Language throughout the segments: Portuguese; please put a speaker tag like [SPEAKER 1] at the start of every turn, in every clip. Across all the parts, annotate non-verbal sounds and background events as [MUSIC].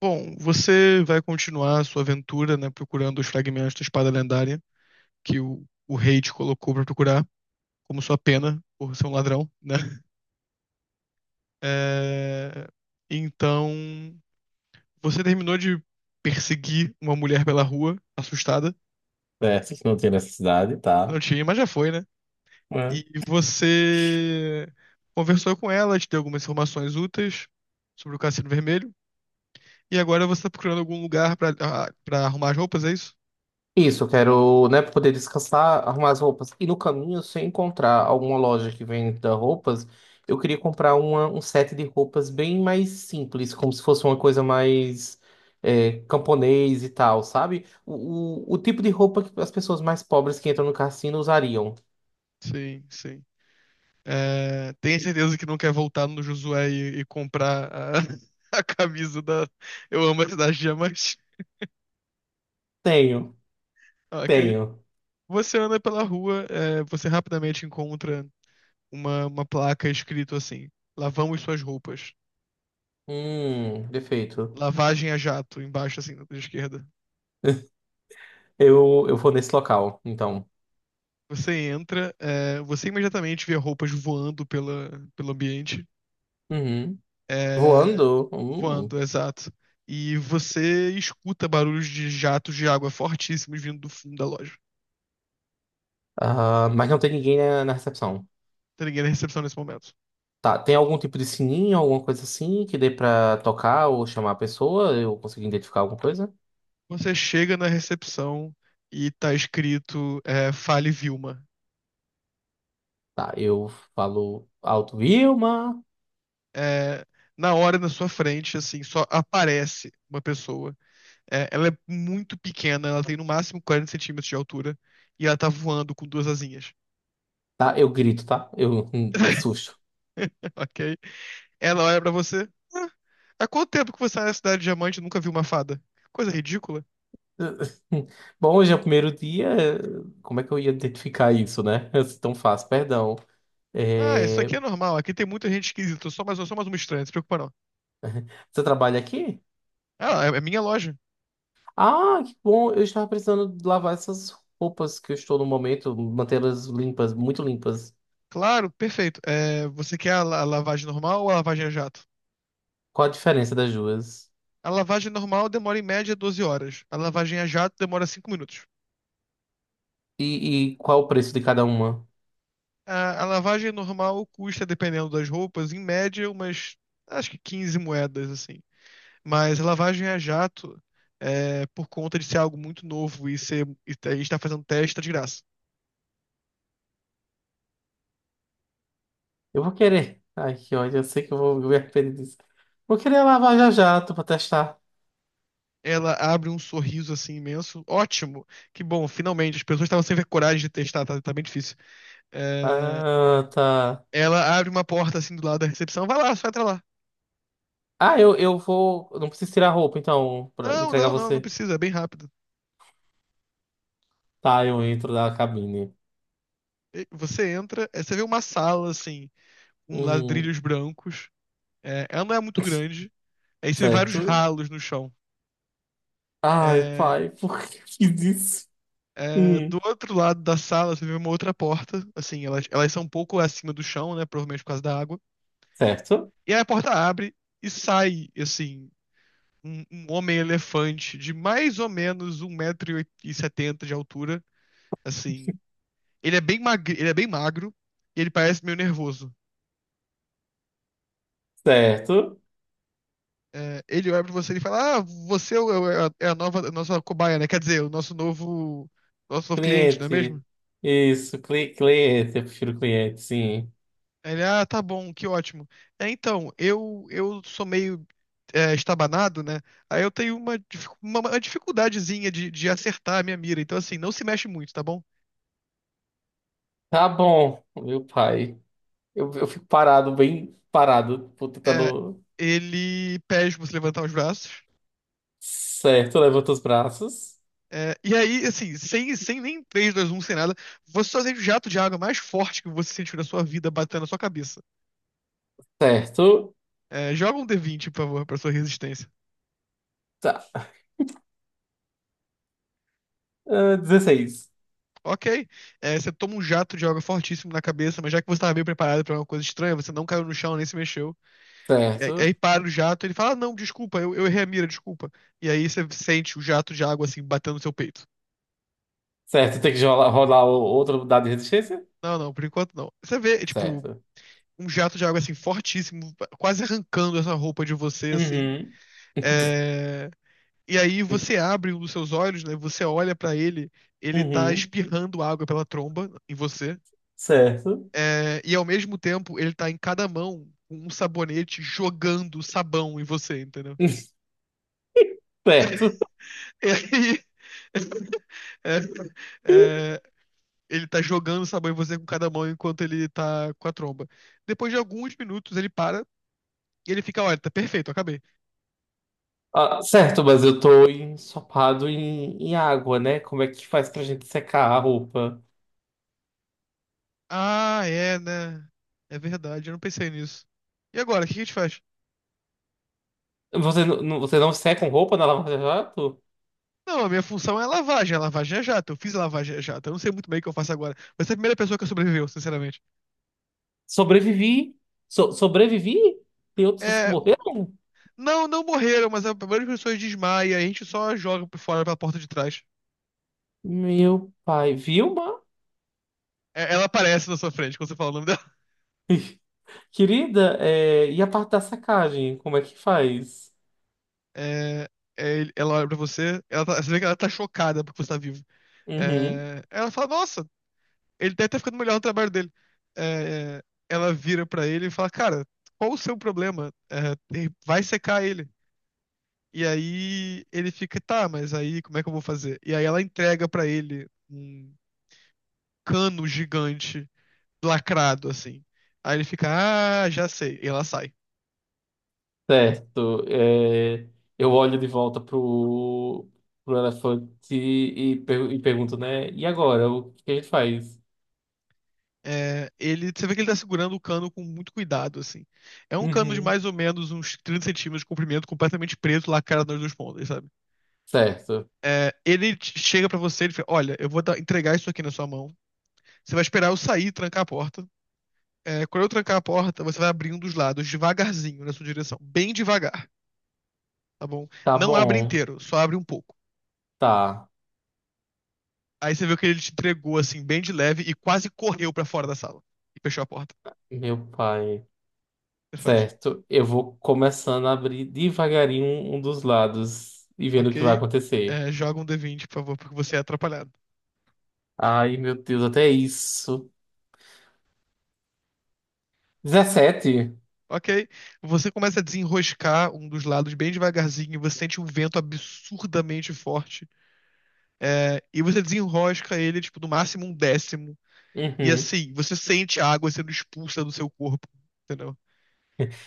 [SPEAKER 1] Bom, você vai continuar a sua aventura, né, procurando os fragmentos da espada lendária que o rei te colocou pra procurar, como sua pena por ser um ladrão, né? [LAUGHS] É, Então, você terminou de perseguir uma mulher pela rua, assustada.
[SPEAKER 2] Certo, que não tem necessidade, tá?
[SPEAKER 1] Não tinha, mas já foi, né? E
[SPEAKER 2] É.
[SPEAKER 1] você conversou com ela, te deu algumas informações úteis sobre o Cassino Vermelho. E agora você tá procurando algum lugar pra, ah, pra arrumar as roupas, é isso?
[SPEAKER 2] Isso, eu quero, né, pra poder descansar, arrumar as roupas. E no caminho, se eu encontrar alguma loja que venda roupas, eu queria comprar uma, um set de roupas bem mais simples, como se fosse uma coisa mais camponês e tal, sabe? O tipo de roupa que as pessoas mais pobres que entram no cassino usariam.
[SPEAKER 1] Sim, sim. É, tenha certeza que não quer voltar no Josué e comprar a, [LAUGHS] a camisa da Eu Amo a Cidade de Diamante. [LAUGHS]
[SPEAKER 2] Tenho,
[SPEAKER 1] Ok.
[SPEAKER 2] tenho.
[SPEAKER 1] Você anda pela rua, você rapidamente encontra uma placa escrito assim: Lavamos suas roupas.
[SPEAKER 2] Perfeito.
[SPEAKER 1] Lavagem a jato, embaixo, assim, da esquerda.
[SPEAKER 2] Eu vou nesse local, então.
[SPEAKER 1] Você entra, você imediatamente vê roupas voando pelo ambiente.
[SPEAKER 2] Uhum.
[SPEAKER 1] É,
[SPEAKER 2] Voando? Hum.
[SPEAKER 1] voando, exato. E você escuta barulhos de jatos de água fortíssimos vindo do fundo da loja.
[SPEAKER 2] Ah, mas não tem ninguém na recepção.
[SPEAKER 1] Tem ninguém na recepção nesse momento.
[SPEAKER 2] Tá, tem algum tipo de sininho, alguma coisa assim que dê pra tocar ou chamar a pessoa? Eu consegui identificar alguma coisa?
[SPEAKER 1] Você chega na recepção e tá escrito Fale Vilma.
[SPEAKER 2] Tá, eu falo alto, Vilma.
[SPEAKER 1] É, na hora, na sua frente, assim, só aparece uma pessoa. Ela é muito pequena, ela tem no máximo 40 centímetros de altura. E ela tá voando com duas asinhas,
[SPEAKER 2] Tá, eu grito, tá? Eu, de susto.
[SPEAKER 1] [LAUGHS] ok? Ela olha pra você. "Ah, há quanto tempo que você tá na Cidade de Diamante e nunca viu uma fada? Que coisa ridícula.
[SPEAKER 2] [LAUGHS] Bom, hoje é o primeiro dia. Como é que eu ia identificar isso, né? [LAUGHS] É tão fácil, perdão.
[SPEAKER 1] Ah, isso
[SPEAKER 2] É,
[SPEAKER 1] aqui é normal. Aqui tem muita gente esquisita. Eu sou mais uma estranha, não se preocupa não.
[SPEAKER 2] Você trabalha aqui?
[SPEAKER 1] Ah, é minha loja.
[SPEAKER 2] Ah, que bom. Eu estava precisando lavar essas roupas que eu estou no momento, mantê-las limpas, muito limpas.
[SPEAKER 1] Claro, perfeito. Você quer a a lavagem normal ou a lavagem a jato?
[SPEAKER 2] Qual a diferença das duas?
[SPEAKER 1] A lavagem normal demora em média 12 horas. A lavagem a jato demora 5 minutos.
[SPEAKER 2] E, e qual o preço de cada uma?
[SPEAKER 1] A lavagem normal custa, dependendo das roupas, em média umas, acho que 15 moedas, assim. Mas a lavagem a jato, por conta de ser algo muito novo e ser, e a gente tá fazendo teste, tá de graça.
[SPEAKER 2] Eu vou querer. Ai, que ódio, eu sei que eu vou me arrepender disso. Vou querer lavar já já, pra testar.
[SPEAKER 1] Ela abre um sorriso assim imenso. Ótimo! Que bom, finalmente. As pessoas estavam sem ver coragem de testar, tá, tá bem difícil. É,
[SPEAKER 2] Ah, tá.
[SPEAKER 1] Ela abre uma porta assim do lado da recepção. Vai lá, só entra lá.
[SPEAKER 2] Ah, eu vou. Eu não preciso tirar a roupa, então, pra
[SPEAKER 1] Não,
[SPEAKER 2] entregar
[SPEAKER 1] não, não, não
[SPEAKER 2] você.
[SPEAKER 1] precisa, é bem rápido.
[SPEAKER 2] Tá, eu entro da cabine.
[SPEAKER 1] E Você entra, aí você vê uma sala assim, com
[SPEAKER 2] Uhum.
[SPEAKER 1] ladrilhos brancos. Ela não é muito
[SPEAKER 2] [LAUGHS]
[SPEAKER 1] grande. Aí você vê vários
[SPEAKER 2] Certo?
[SPEAKER 1] ralos no chão.
[SPEAKER 2] Ai,
[SPEAKER 1] É,
[SPEAKER 2] pai, [LAUGHS] por que eu fiz isso? Hum.
[SPEAKER 1] do outro lado da sala você vê uma outra porta. Assim, elas são um pouco acima do chão, né? Provavelmente por causa da água.
[SPEAKER 2] Certo?
[SPEAKER 1] E aí a porta abre e sai, assim, um homem elefante de mais ou menos 1,70 m de altura. Assim, Ele é bem magro, ele parece meio nervoso.
[SPEAKER 2] Certo?
[SPEAKER 1] Ele olha pra você e fala: Ah, você é a nova, a nossa cobaia, né? Quer dizer, o nosso novo cliente, não é
[SPEAKER 2] Cliente.
[SPEAKER 1] mesmo?
[SPEAKER 2] Isso, cliente. Eu prefiro cliente, sim.
[SPEAKER 1] Aí Ele, tá bom, que ótimo. Então, eu sou meio estabanado, né? Aí eu tenho uma dificuldadezinha de acertar a minha mira. Então, assim, não se mexe muito, tá bom?
[SPEAKER 2] Tá bom, meu pai. Eu fico parado, bem parado, tipo,
[SPEAKER 1] É,
[SPEAKER 2] tentando.
[SPEAKER 1] ele pede pra você levantar os braços.
[SPEAKER 2] Certo, levanta os braços.
[SPEAKER 1] E aí, assim, sem nem três dois um sem nada, você só sente o jato de água mais forte que você sentiu na sua vida batendo na sua cabeça.
[SPEAKER 2] Certo.
[SPEAKER 1] Joga um d20, por favor, pra sua resistência.
[SPEAKER 2] Tá. Ah, 16.
[SPEAKER 1] Ok. Você toma um jato de água fortíssimo na cabeça, mas já que você estava bem preparado pra uma coisa estranha, você não caiu no chão nem se mexeu. E aí,
[SPEAKER 2] Certo.
[SPEAKER 1] aí para o jato, ele fala: "Ah, Não, desculpa, eu errei a mira, desculpa. E aí você sente o jato de água, assim, batendo no seu peito.
[SPEAKER 2] Certo, tem que rolar, outro dado de resistência?
[SPEAKER 1] Não, não, por enquanto não. Você vê, tipo,
[SPEAKER 2] Certo.
[SPEAKER 1] um jato de água, assim, fortíssimo, quase arrancando essa roupa de você, assim.
[SPEAKER 2] Uhum. [LAUGHS]
[SPEAKER 1] É. E aí você abre um dos seus olhos, né? Você olha pra ele, ele tá
[SPEAKER 2] Uhum.
[SPEAKER 1] espirrando água pela tromba em você.
[SPEAKER 2] Certo.
[SPEAKER 1] E ao mesmo tempo, ele tá em cada mão com um sabonete jogando sabão em você, entendeu?
[SPEAKER 2] [LAUGHS] Certo.
[SPEAKER 1] E aí. [LAUGHS] é, é, ele tá jogando sabão em você com cada mão enquanto ele tá com a tromba. Depois de alguns minutos, ele para e ele fica: Olha, tá perfeito, acabei.
[SPEAKER 2] Ah, certo, mas eu tô ensopado em água, né? Como é que faz pra gente secar a roupa?
[SPEAKER 1] Ah, é, né? É verdade, eu não pensei nisso. E agora, o que a gente faz?
[SPEAKER 2] Você, você não seca com roupa na lava-jato?
[SPEAKER 1] Não, a minha função é lavagem. A lavagem é jato. Eu fiz a lavagem a jato. Eu não sei muito bem o que eu faço agora. Mas é a primeira pessoa que sobreviveu, sinceramente.
[SPEAKER 2] Sobrevivi. Sobrevivi? Tem outras pessoas que
[SPEAKER 1] É,
[SPEAKER 2] morreram?
[SPEAKER 1] não, não morreram, mas a maioria das pessoas desmaia. A gente só joga por fora pela porta de trás.
[SPEAKER 2] Meu pai, Vilma?
[SPEAKER 1] Ela aparece na sua frente quando você fala o nome dela. [LAUGHS]
[SPEAKER 2] [LAUGHS] Querida, é, e a parte da sacagem? Como é que faz?
[SPEAKER 1] É, ela olha pra você. Você vê que ela tá chocada porque você tá vivo.
[SPEAKER 2] Uhum.
[SPEAKER 1] Ela fala, nossa, ele deve estar ficando melhor no trabalho dele. É, ela vira pra ele e fala, cara, qual o seu problema? Vai secar ele. E aí ele fica, tá, mas aí como é que eu vou fazer? E aí ela entrega pra ele um cano gigante, lacrado, assim. Aí ele fica, ah, já sei. E ela sai.
[SPEAKER 2] Certo. É, eu olho de volta pro elefante e, e pergunto, né? E agora? O que a gente faz?
[SPEAKER 1] Ele, você vê que ele tá segurando o cano com muito cuidado, assim. É um cano de
[SPEAKER 2] Uhum.
[SPEAKER 1] mais ou menos uns 30 centímetros de comprimento, completamente preto, lacrado nas duas pontas, sabe?
[SPEAKER 2] Certo.
[SPEAKER 1] Ele chega pra você, ele fala, olha, eu vou entregar isso aqui na sua mão. Você vai esperar eu sair e trancar a porta. Quando eu trancar a porta, você vai abrir um dos lados devagarzinho na sua direção, bem devagar. Tá bom.
[SPEAKER 2] Tá
[SPEAKER 1] Não abre
[SPEAKER 2] bom.
[SPEAKER 1] inteiro, só abre um pouco.
[SPEAKER 2] Tá.
[SPEAKER 1] Aí você viu que ele te entregou assim, bem de leve, e quase correu pra fora da sala. E fechou a porta.
[SPEAKER 2] Meu pai.
[SPEAKER 1] Você faz.
[SPEAKER 2] Certo, eu vou começando a abrir devagarinho um dos lados e vendo o que vai
[SPEAKER 1] Ok.
[SPEAKER 2] acontecer.
[SPEAKER 1] Joga um d vinte, por favor, porque você é atrapalhado.
[SPEAKER 2] Ai, meu Deus, até isso. 17?
[SPEAKER 1] Ok. Você começa a desenroscar um dos lados bem devagarzinho, e você sente um vento absurdamente forte. E você desenrosca ele, tipo, no máximo um décimo. E
[SPEAKER 2] Uhum.
[SPEAKER 1] assim, você sente a água sendo expulsa do seu corpo, entendeu?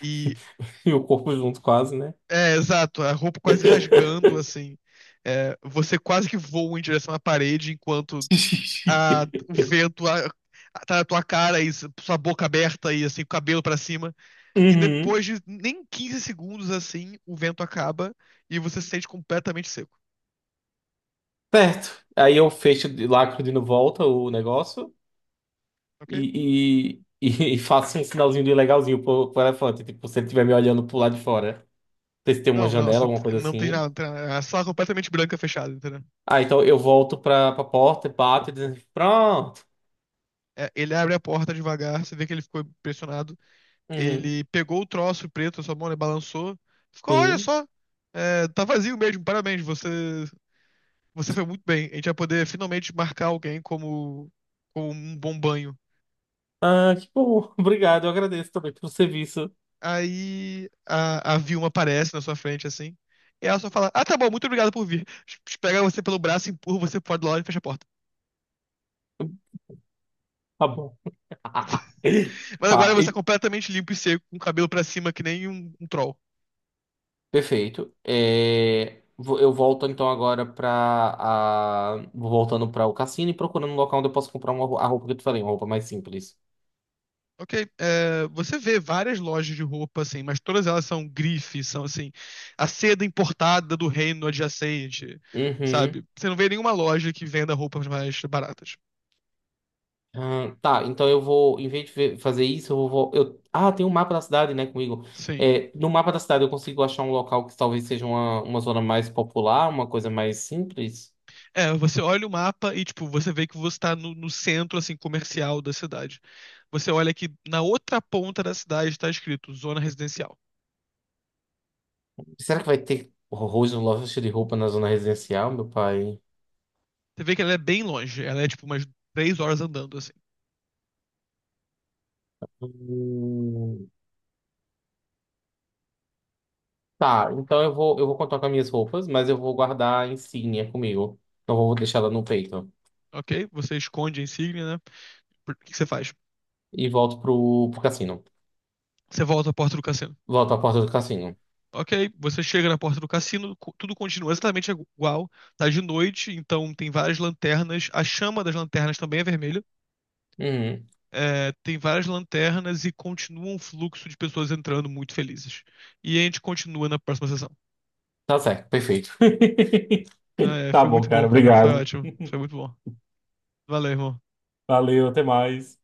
[SPEAKER 1] E
[SPEAKER 2] E o corpo junto, quase, né?
[SPEAKER 1] Exato, a roupa quase rasgando,
[SPEAKER 2] [LAUGHS]
[SPEAKER 1] assim. Você quase que voa em direção à parede enquanto o vento tá na tua cara e sua boca aberta e assim, o cabelo pra cima. E depois
[SPEAKER 2] Uhum.
[SPEAKER 1] de nem 15 segundos assim, o vento acaba e você se sente completamente seco,
[SPEAKER 2] Certo. Aí eu fecho, lacro volta o negócio
[SPEAKER 1] ok?
[SPEAKER 2] e [LAUGHS] e faço um sinalzinho de legalzinho pro elefante, tipo, se ele estiver me olhando pro lado de fora. Não sei se tem uma
[SPEAKER 1] Não, não,
[SPEAKER 2] janela,
[SPEAKER 1] você
[SPEAKER 2] alguma coisa
[SPEAKER 1] não tem
[SPEAKER 2] assim.
[SPEAKER 1] nada, não tem nada. A sala completamente branca fechada, entendeu?
[SPEAKER 2] Ah, então eu volto pra porta, bato e dizendo, pronto.
[SPEAKER 1] Ele abre a porta devagar, você vê que ele ficou impressionado.
[SPEAKER 2] Uhum,
[SPEAKER 1] Ele pegou o troço preto na sua mão, ele balançou. Ficou, olha
[SPEAKER 2] sim.
[SPEAKER 1] só, tá vazio mesmo, parabéns, você foi muito bem. A gente vai poder finalmente marcar alguém como um bom banho.
[SPEAKER 2] Ah, que bom. [LAUGHS] Obrigado, eu agradeço também pelo serviço.
[SPEAKER 1] Aí a Vilma aparece na sua frente, assim. E ela só fala, ah, tá bom, muito obrigado por vir. Pega você pelo braço, empurra você pro lado e fecha a porta.
[SPEAKER 2] Tá bom. [LAUGHS]
[SPEAKER 1] [LAUGHS] Mas
[SPEAKER 2] Tá,
[SPEAKER 1] agora você é
[SPEAKER 2] e-
[SPEAKER 1] completamente limpo e seco, com o cabelo pra cima que nem um troll.
[SPEAKER 2] perfeito. É, eu volto então agora pra. A, vou voltando pra o cassino e procurando um local onde eu posso comprar uma, a roupa que eu te falei, uma roupa mais simples.
[SPEAKER 1] Ok, você vê várias lojas de roupa, assim, mas todas elas são grife, são assim, a seda importada do reino adjacente,
[SPEAKER 2] Uhum.
[SPEAKER 1] sabe? Você não vê nenhuma loja que venda roupas mais baratas.
[SPEAKER 2] Ah, tá, então eu vou, em vez de fazer isso, eu vou. Eu, ah, tem um mapa da cidade, né, comigo.
[SPEAKER 1] Sim.
[SPEAKER 2] É, no mapa da cidade eu consigo achar um local que talvez seja uma zona mais popular, uma coisa mais simples.
[SPEAKER 1] Você olha o mapa e, tipo, você vê que você tá no centro, assim, comercial da cidade. Você olha que na outra ponta da cidade tá escrito zona residencial.
[SPEAKER 2] Será que vai ter horrores no loja de roupa na zona residencial, meu pai?
[SPEAKER 1] Você vê que ela é bem longe, ela é, tipo, umas 3 horas andando, assim.
[SPEAKER 2] Hum, tá, então eu vou contar com as minhas roupas, mas eu vou guardar a insígnia comigo. Não vou deixar ela no peito.
[SPEAKER 1] Ok? Você esconde a insígnia, né? O que que você faz?
[SPEAKER 2] E volto pro cassino.
[SPEAKER 1] Você volta à porta do cassino.
[SPEAKER 2] Volto à porta do cassino.
[SPEAKER 1] Ok, você chega na porta do cassino, tudo continua exatamente igual. Tá de noite, então tem várias lanternas. A chama das lanternas também é vermelha.
[SPEAKER 2] Uhum,
[SPEAKER 1] Tem várias lanternas e continua um fluxo de pessoas entrando muito felizes. E a gente continua na próxima sessão.
[SPEAKER 2] tá certo, perfeito. [LAUGHS] Tá
[SPEAKER 1] Foi
[SPEAKER 2] bom,
[SPEAKER 1] muito
[SPEAKER 2] cara,
[SPEAKER 1] bom, cara. Foi
[SPEAKER 2] obrigado.
[SPEAKER 1] ótimo. Foi muito bom. Valeu, irmão.
[SPEAKER 2] Valeu, até mais.